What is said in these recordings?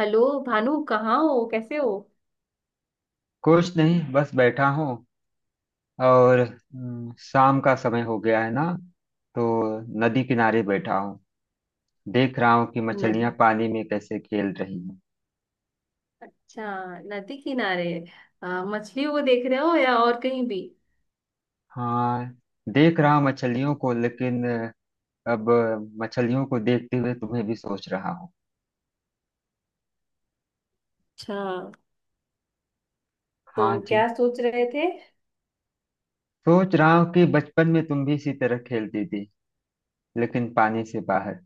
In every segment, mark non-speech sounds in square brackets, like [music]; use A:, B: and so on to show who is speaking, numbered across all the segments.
A: Hello. Bhanu, कहाँ हो? कैसे हो?
B: कुछ नहीं, बस बैठा हूँ। और शाम का समय हो गया है ना, तो नदी किनारे बैठा हूँ। देख रहा हूँ कि
A: नद
B: मछलियाँ पानी में कैसे खेल रही हैं।
A: अच्छा। नदी किनारे। मछलियों को देख रहे हो या और कहीं भी?
B: हाँ, देख रहा हूँ मछलियों को, लेकिन अब मछलियों को देखते हुए तुम्हें भी सोच रहा हूँ।
A: अच्छा,
B: हाँ
A: तो
B: जी,
A: क्या सोच रहे थे? [laughs]
B: सोच रहा हूँ कि बचपन में तुम भी इसी तरह खेलती थी, लेकिन पानी से बाहर,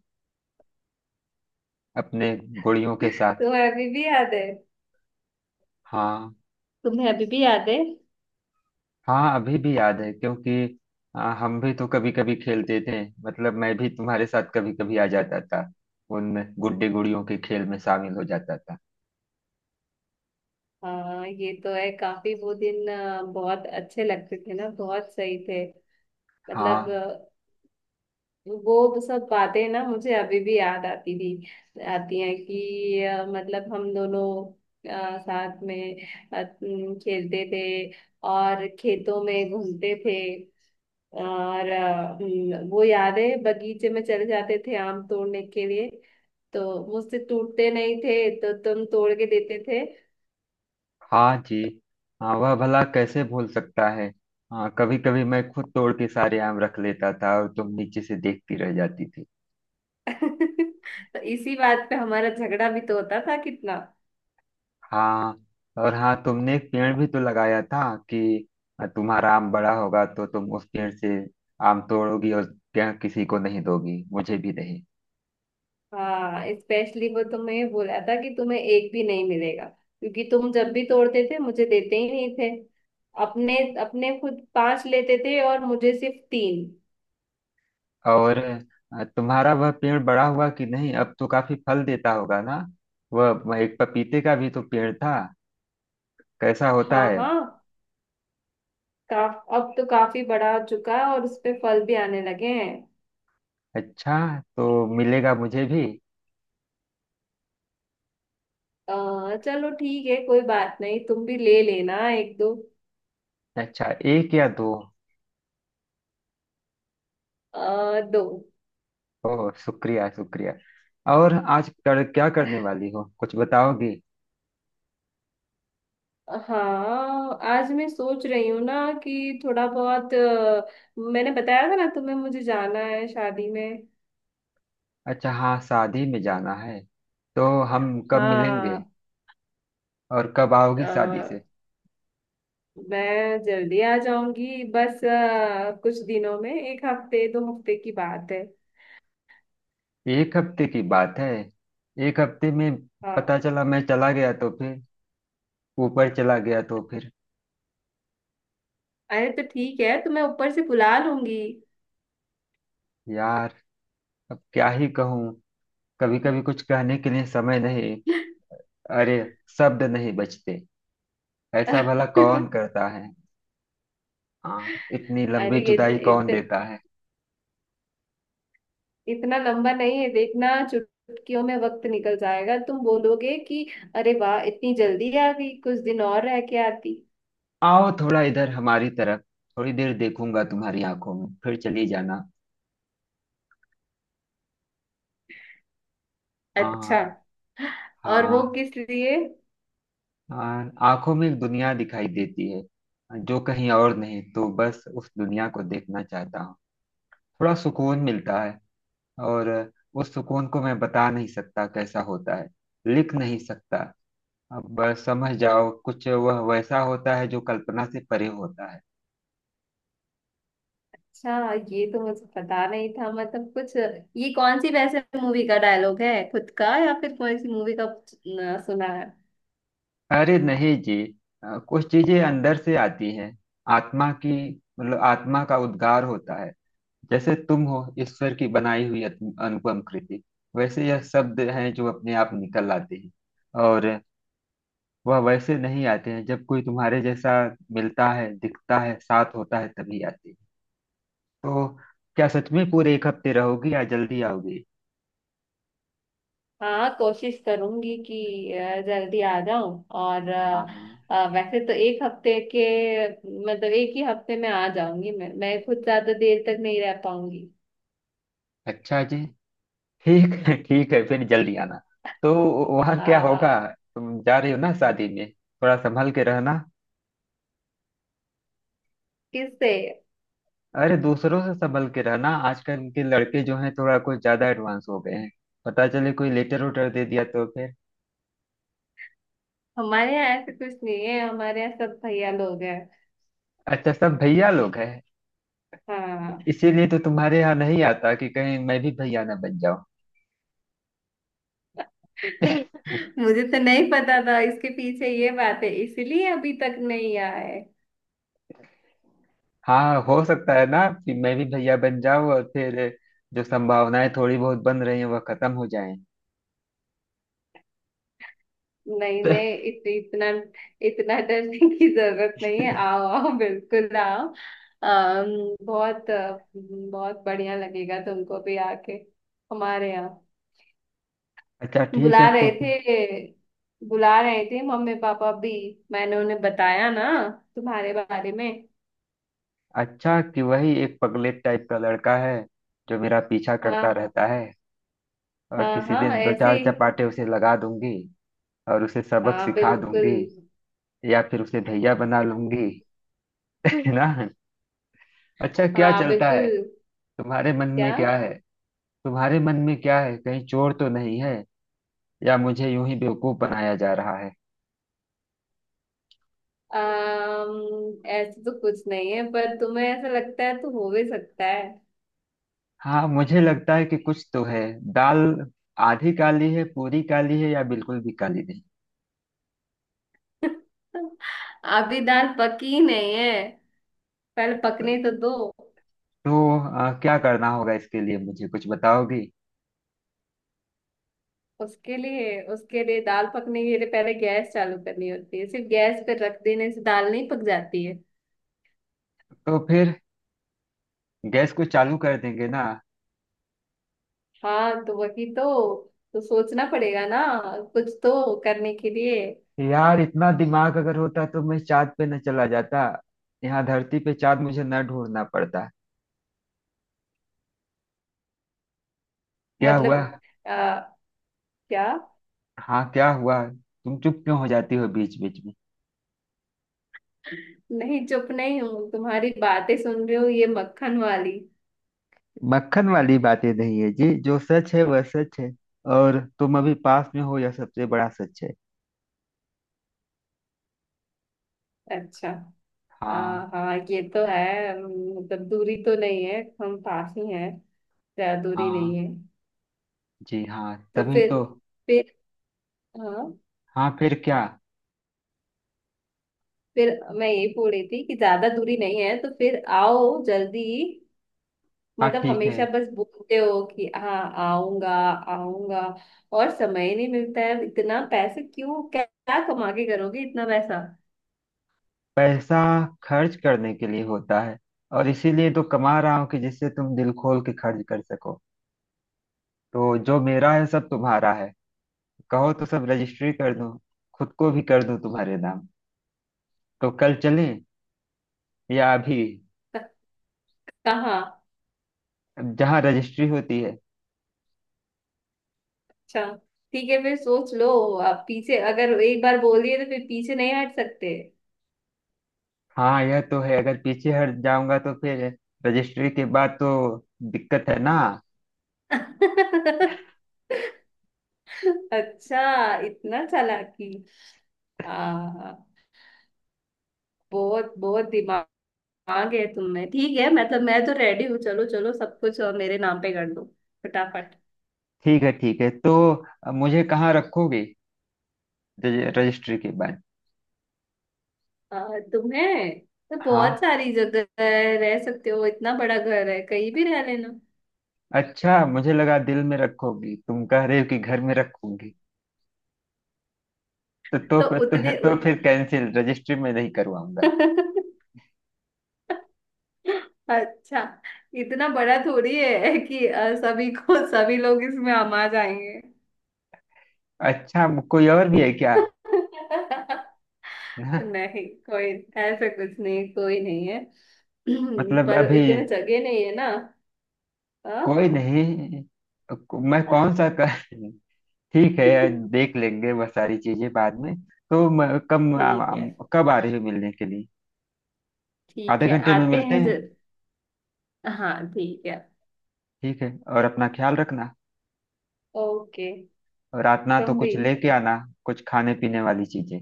B: अपने गुड़ियों के साथ।
A: तुम्हें अभी भी याद है?
B: हाँ।
A: तुम्हें अभी भी याद है?
B: हाँ, अभी भी याद है, क्योंकि हम भी तो कभी कभी खेलते थे। मतलब मैं भी तुम्हारे साथ कभी कभी आ जाता था, उन गुड्डे गुड़ियों के खेल में शामिल हो जाता था।
A: हाँ, ये तो है। काफी वो दिन बहुत अच्छे लगते थे ना, बहुत सही थे, मतलब।
B: हाँ।
A: वो तो सब बातें ना मुझे अभी भी याद आती थी, आती हैं, कि मतलब हम दोनों, साथ में, अ, न, खेलते थे, और खेतों में घूमते थे, और अ, न, वो यादें, बगीचे में चले जाते थे आम तोड़ने के लिए। तो मुझसे टूटते नहीं थे तो तुम तोड़ के देते थे।
B: हाँ जी। हाँ, वह भला कैसे भूल सकता है। हाँ, कभी कभी मैं खुद तोड़ के सारे आम रख लेता था और तुम नीचे से देखती रह जाती थी।
A: [laughs] तो इसी बात पे हमारा झगड़ा भी तो होता था कितना।
B: हाँ। और हाँ, तुमने एक पेड़ भी तो लगाया था कि तुम्हारा आम बड़ा होगा तो तुम उस पेड़ से आम तोड़ोगी, और क्या, किसी को नहीं दोगी, मुझे भी नहीं।
A: हाँ, स्पेशली वो तुम्हें बोला था कि तुम्हें एक भी नहीं मिलेगा, क्योंकि तुम जब भी तोड़ते थे मुझे देते ही नहीं थे। अपने अपने खुद पांच लेते थे और मुझे सिर्फ तीन।
B: और तुम्हारा वह पेड़ बड़ा हुआ कि नहीं? अब तो काफी फल देता होगा ना। वह एक पपीते का भी तो पेड़ था, कैसा होता
A: हाँ
B: है?
A: हाँ। काफ अब तो काफी बड़ा हो चुका है और उस पे फल भी आने लगे हैं।
B: अच्छा, तो मिलेगा मुझे भी।
A: चलो, ठीक है, कोई बात नहीं, तुम भी ले लेना एक दो।
B: अच्छा, एक या दो?
A: दो।
B: ओह, शुक्रिया शुक्रिया। और आज कर क्या करने वाली हो, कुछ बताओगी?
A: हाँ, आज मैं सोच रही हूँ ना कि थोड़ा बहुत, मैंने बताया था ना तुम्हें, मुझे जाना है शादी में।
B: अच्छा, हाँ, शादी में जाना है। तो हम कब मिलेंगे
A: हाँ।
B: और कब आओगी
A: अ,
B: शादी से?
A: मैं जल्दी आ जाऊंगी बस, कुछ दिनों में, एक हफ्ते दो हफ्ते की बात है।
B: एक हफ्ते की बात है? एक हफ्ते में
A: हाँ।
B: पता चला मैं चला गया तो फिर, ऊपर चला गया तो फिर।
A: अरे, तो ठीक है, तो मैं ऊपर से बुला लूंगी।
B: यार, अब क्या ही कहूँ। कभी कभी कुछ कहने के लिए समय नहीं। अरे, शब्द नहीं बचते।
A: [laughs]
B: ऐसा भला कौन
A: अरे,
B: करता है। हाँ, इतनी लंबी
A: इत,
B: जुदाई कौन
A: इत,
B: देता है।
A: इतना लंबा नहीं है, देखना चुटकियों में वक्त निकल जाएगा, तुम बोलोगे कि अरे वाह, इतनी जल्दी आ गई, कुछ दिन और रह के आती।
B: आओ थोड़ा इधर हमारी तरफ, थोड़ी देर देखूंगा तुम्हारी आंखों में, फिर चली जाना।
A: अच्छा।
B: हाँ।
A: और वो
B: हाँ।
A: किस लिए?
B: हाँ, आंखों में एक दुनिया दिखाई देती है, जो कहीं और नहीं, तो बस उस दुनिया को देखना चाहता हूँ। थोड़ा सुकून मिलता है। और उस सुकून को मैं बता नहीं सकता कैसा होता है, लिख नहीं सकता। अब समझ जाओ, कुछ वह वैसा होता है जो कल्पना से परे होता है।
A: अच्छा, ये तो मुझे पता नहीं था, मतलब कुछ। ये कौन सी वैसे मूवी का डायलॉग है, खुद का या फिर कौन सी मूवी का, न, सुना है?
B: अरे नहीं जी, कुछ चीजें अंदर से आती हैं, आत्मा की। मतलब आत्मा का उद्गार होता है। जैसे तुम हो ईश्वर की बनाई हुई अनुपम कृति, वैसे यह शब्द हैं जो अपने आप निकल आते हैं। और वह वैसे नहीं आते हैं, जब कोई तुम्हारे जैसा मिलता है, दिखता है, साथ होता है, तभी आते हैं। तो क्या सच में पूरे एक हफ्ते रहोगी या जल्दी आओगी?
A: हाँ, कोशिश करूंगी कि जल्दी आ जाऊं, और
B: हाँ।
A: वैसे तो एक हफ्ते के, मतलब एक ही हफ्ते में आ जाऊंगी, मैं खुद ज्यादा देर तक नहीं रह पाऊंगी।
B: अच्छा जी, ठीक है ठीक है, फिर जल्दी आना। तो वहाँ क्या होगा?
A: आ,
B: तुम जा रही हो ना शादी में, थोड़ा संभल के रहना।
A: किससे?
B: अरे, दूसरों से संभल के रहना, आजकल के लड़के जो हैं थोड़ा कुछ ज्यादा एडवांस हो गए हैं। पता चले कोई लेटर उटर दे दिया तो फिर।
A: हमारे यहाँ ऐसे कुछ नहीं है, हमारे यहाँ सब भैया लोग हैं।
B: अच्छा, सब भैया लोग हैं।
A: हाँ।
B: इसीलिए तो तुम्हारे यहाँ नहीं आता कि कहीं मैं भी भैया ना बन जाऊं। [laughs]
A: मुझे तो नहीं पता था इसके पीछे ये बात है, इसलिए अभी तक नहीं आए।
B: हाँ, हो सकता है ना कि मैं भी भैया बन जाऊं, और फिर जो संभावनाएं थोड़ी बहुत बन रही हैं वह खत्म हो जाएं।
A: नहीं नहीं,
B: [laughs]
A: इत, इतना इतना डरने [laughs] की जरूरत नहीं है, आओ आओ बिल्कुल आओ। बहुत बढ़िया लगेगा तुमको भी आके हमारे यहाँ।
B: अच्छा,
A: बुला
B: ठीक है तो।
A: रहे थे, बुला रहे थे मम्मी पापा भी। मैंने उन्हें बताया ना तुम्हारे बारे में।
B: अच्छा, कि वही एक पगलेट टाइप का लड़का है जो मेरा पीछा करता
A: हाँ।
B: रहता है, और
A: हाँ।
B: किसी
A: हाँ,
B: दिन दो
A: ऐसे
B: चार
A: ही।
B: चपाटे उसे लगा दूंगी, और उसे सबक
A: हाँ,
B: सिखा
A: बिल्कुल।
B: दूंगी, या फिर उसे भैया बना लूंगी, [laughs] है ना। अच्छा, क्या
A: हाँ,
B: चलता
A: बिल्कुल।
B: है तुम्हारे मन
A: क्या?
B: में, क्या है? तुम्हारे मन में क्या है, कहीं चोर तो नहीं है? या मुझे यूं ही बेवकूफ बनाया जा रहा है?
A: ऐसे तो कुछ नहीं है, पर तुम्हें ऐसा लगता है तो हो भी सकता है।
B: हाँ, मुझे लगता है कि कुछ तो है। दाल आधी काली है, पूरी काली है, या बिल्कुल भी काली नहीं?
A: अभी दाल पकी नहीं है, पहले पकने तो दो।
B: तो क्या करना होगा इसके लिए, मुझे कुछ बताओगी?
A: उसके लिए दाल पकने के लिए पहले गैस चालू करनी होती है, सिर्फ गैस पे रख देने से दाल नहीं पक जाती है।
B: तो फिर गैस को चालू कर देंगे ना।
A: हाँ, तो वही तो सोचना पड़ेगा ना, कुछ तो करने के लिए।
B: यार, इतना दिमाग अगर होता तो मैं चांद पे न चला जाता, यहाँ धरती पे चांद मुझे न ढूंढना पड़ता। क्या हुआ?
A: मतलब। आ, क्या?
B: हाँ, क्या हुआ, तुम चुप क्यों हो जाती हो बीच बीच में?
A: नहीं, चुप नहीं हूँ, तुम्हारी बातें सुन रही हूँ, ये मक्खन वाली।
B: मक्खन वाली बातें नहीं है जी, जो सच है वह सच है। और तुम अभी पास में हो, यह सबसे बड़ा सच है।
A: अच्छा।
B: हाँ।
A: हाँ हाँ, ये तो है। मतलब दूरी तो नहीं है, हम पास ही हैं। ज्यादा दूरी नहीं
B: हाँ
A: है।
B: जी, हाँ,
A: तो
B: तभी
A: फिर
B: तो।
A: फिर हाँ,
B: हाँ, फिर क्या।
A: फिर। मैं ये बोल रही थी कि ज्यादा दूरी नहीं है, तो फिर आओ जल्दी,
B: हाँ,
A: मतलब
B: ठीक है।
A: हमेशा बस बोलते हो कि हाँ, आऊंगा आऊंगा, और समय नहीं मिलता है, इतना पैसे क्यों, क्या क्या कमा के करोगे इतना पैसा?
B: पैसा खर्च करने के लिए होता है, और इसीलिए तो कमा रहा हूँ कि जिससे तुम दिल खोल के खर्च कर सको। तो जो मेरा है सब तुम्हारा है। कहो तो सब रजिस्ट्री कर दूं, खुद को भी कर दूं तुम्हारे नाम। तो कल चलें या अभी,
A: क- कहाँ?
B: जहाँ रजिस्ट्री होती है।
A: अच्छा, ठीक है, फिर सोच लो, आप पीछे अगर एक बार बोल दिए तो फिर पीछे नहीं हट सकते।
B: हाँ, यह तो है, अगर पीछे हट जाऊंगा तो फिर, रजिस्ट्री के बाद तो दिक्कत है ना।
A: [laughs] अच्छा, इतना चालाकी। हाँ, बहुत बहुत दिमाग आ गए तुमने। ठीक है, मतलब मैं तो रेडी हूँ, चलो चलो, सब कुछ मेरे नाम पे कर दो फटाफट।
B: ठीक है ठीक है, तो मुझे कहाँ रखोगे रजिस्ट्री के बाद?
A: तुम्हें, तो बहुत
B: हाँ।
A: सारी जगह है, रह सकते हो, इतना बड़ा घर है, कहीं भी रह लेना।
B: अच्छा, मुझे लगा दिल में रखोगी, तुम कह रहे हो कि घर में रखूंगी। तो तो
A: तो
B: फिर तो,
A: उतने
B: तो फिर कैंसिल रजिस्ट्री में नहीं करवाऊंगा।
A: [laughs] अच्छा, इतना बड़ा थोड़ी है कि सभी को, सभी लोग इसमें आमा जाएंगे।
B: अच्छा, कोई और भी है क्या?
A: [laughs]
B: ना।
A: नहीं, कोई ऐसा कुछ नहीं, कोई नहीं है। [clears throat]
B: मतलब
A: पर
B: अभी
A: इतने जगह नहीं है ना। हाँ।
B: कोई नहीं। मैं कौन सा कर, ठीक है,
A: [laughs]
B: देख लेंगे वह सारी चीजें बाद में। तो
A: ठीक है,
B: कब आ रही हो मिलने के लिए?
A: ठीक
B: आधे
A: है,
B: घंटे में
A: आते
B: मिलते
A: हैं
B: हैं।
A: जब। हाँ, ठीक है।
B: ठीक है। और अपना ख्याल रखना।
A: ओके।
B: और रात ना, तो
A: तुम भी।
B: कुछ लेके आना, कुछ खाने पीने वाली चीजें।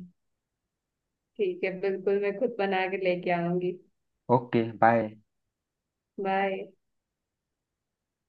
A: ठीक है, बिल्कुल, मैं खुद बना के लेके आऊंगी।
B: Okay, bye.
A: बाय।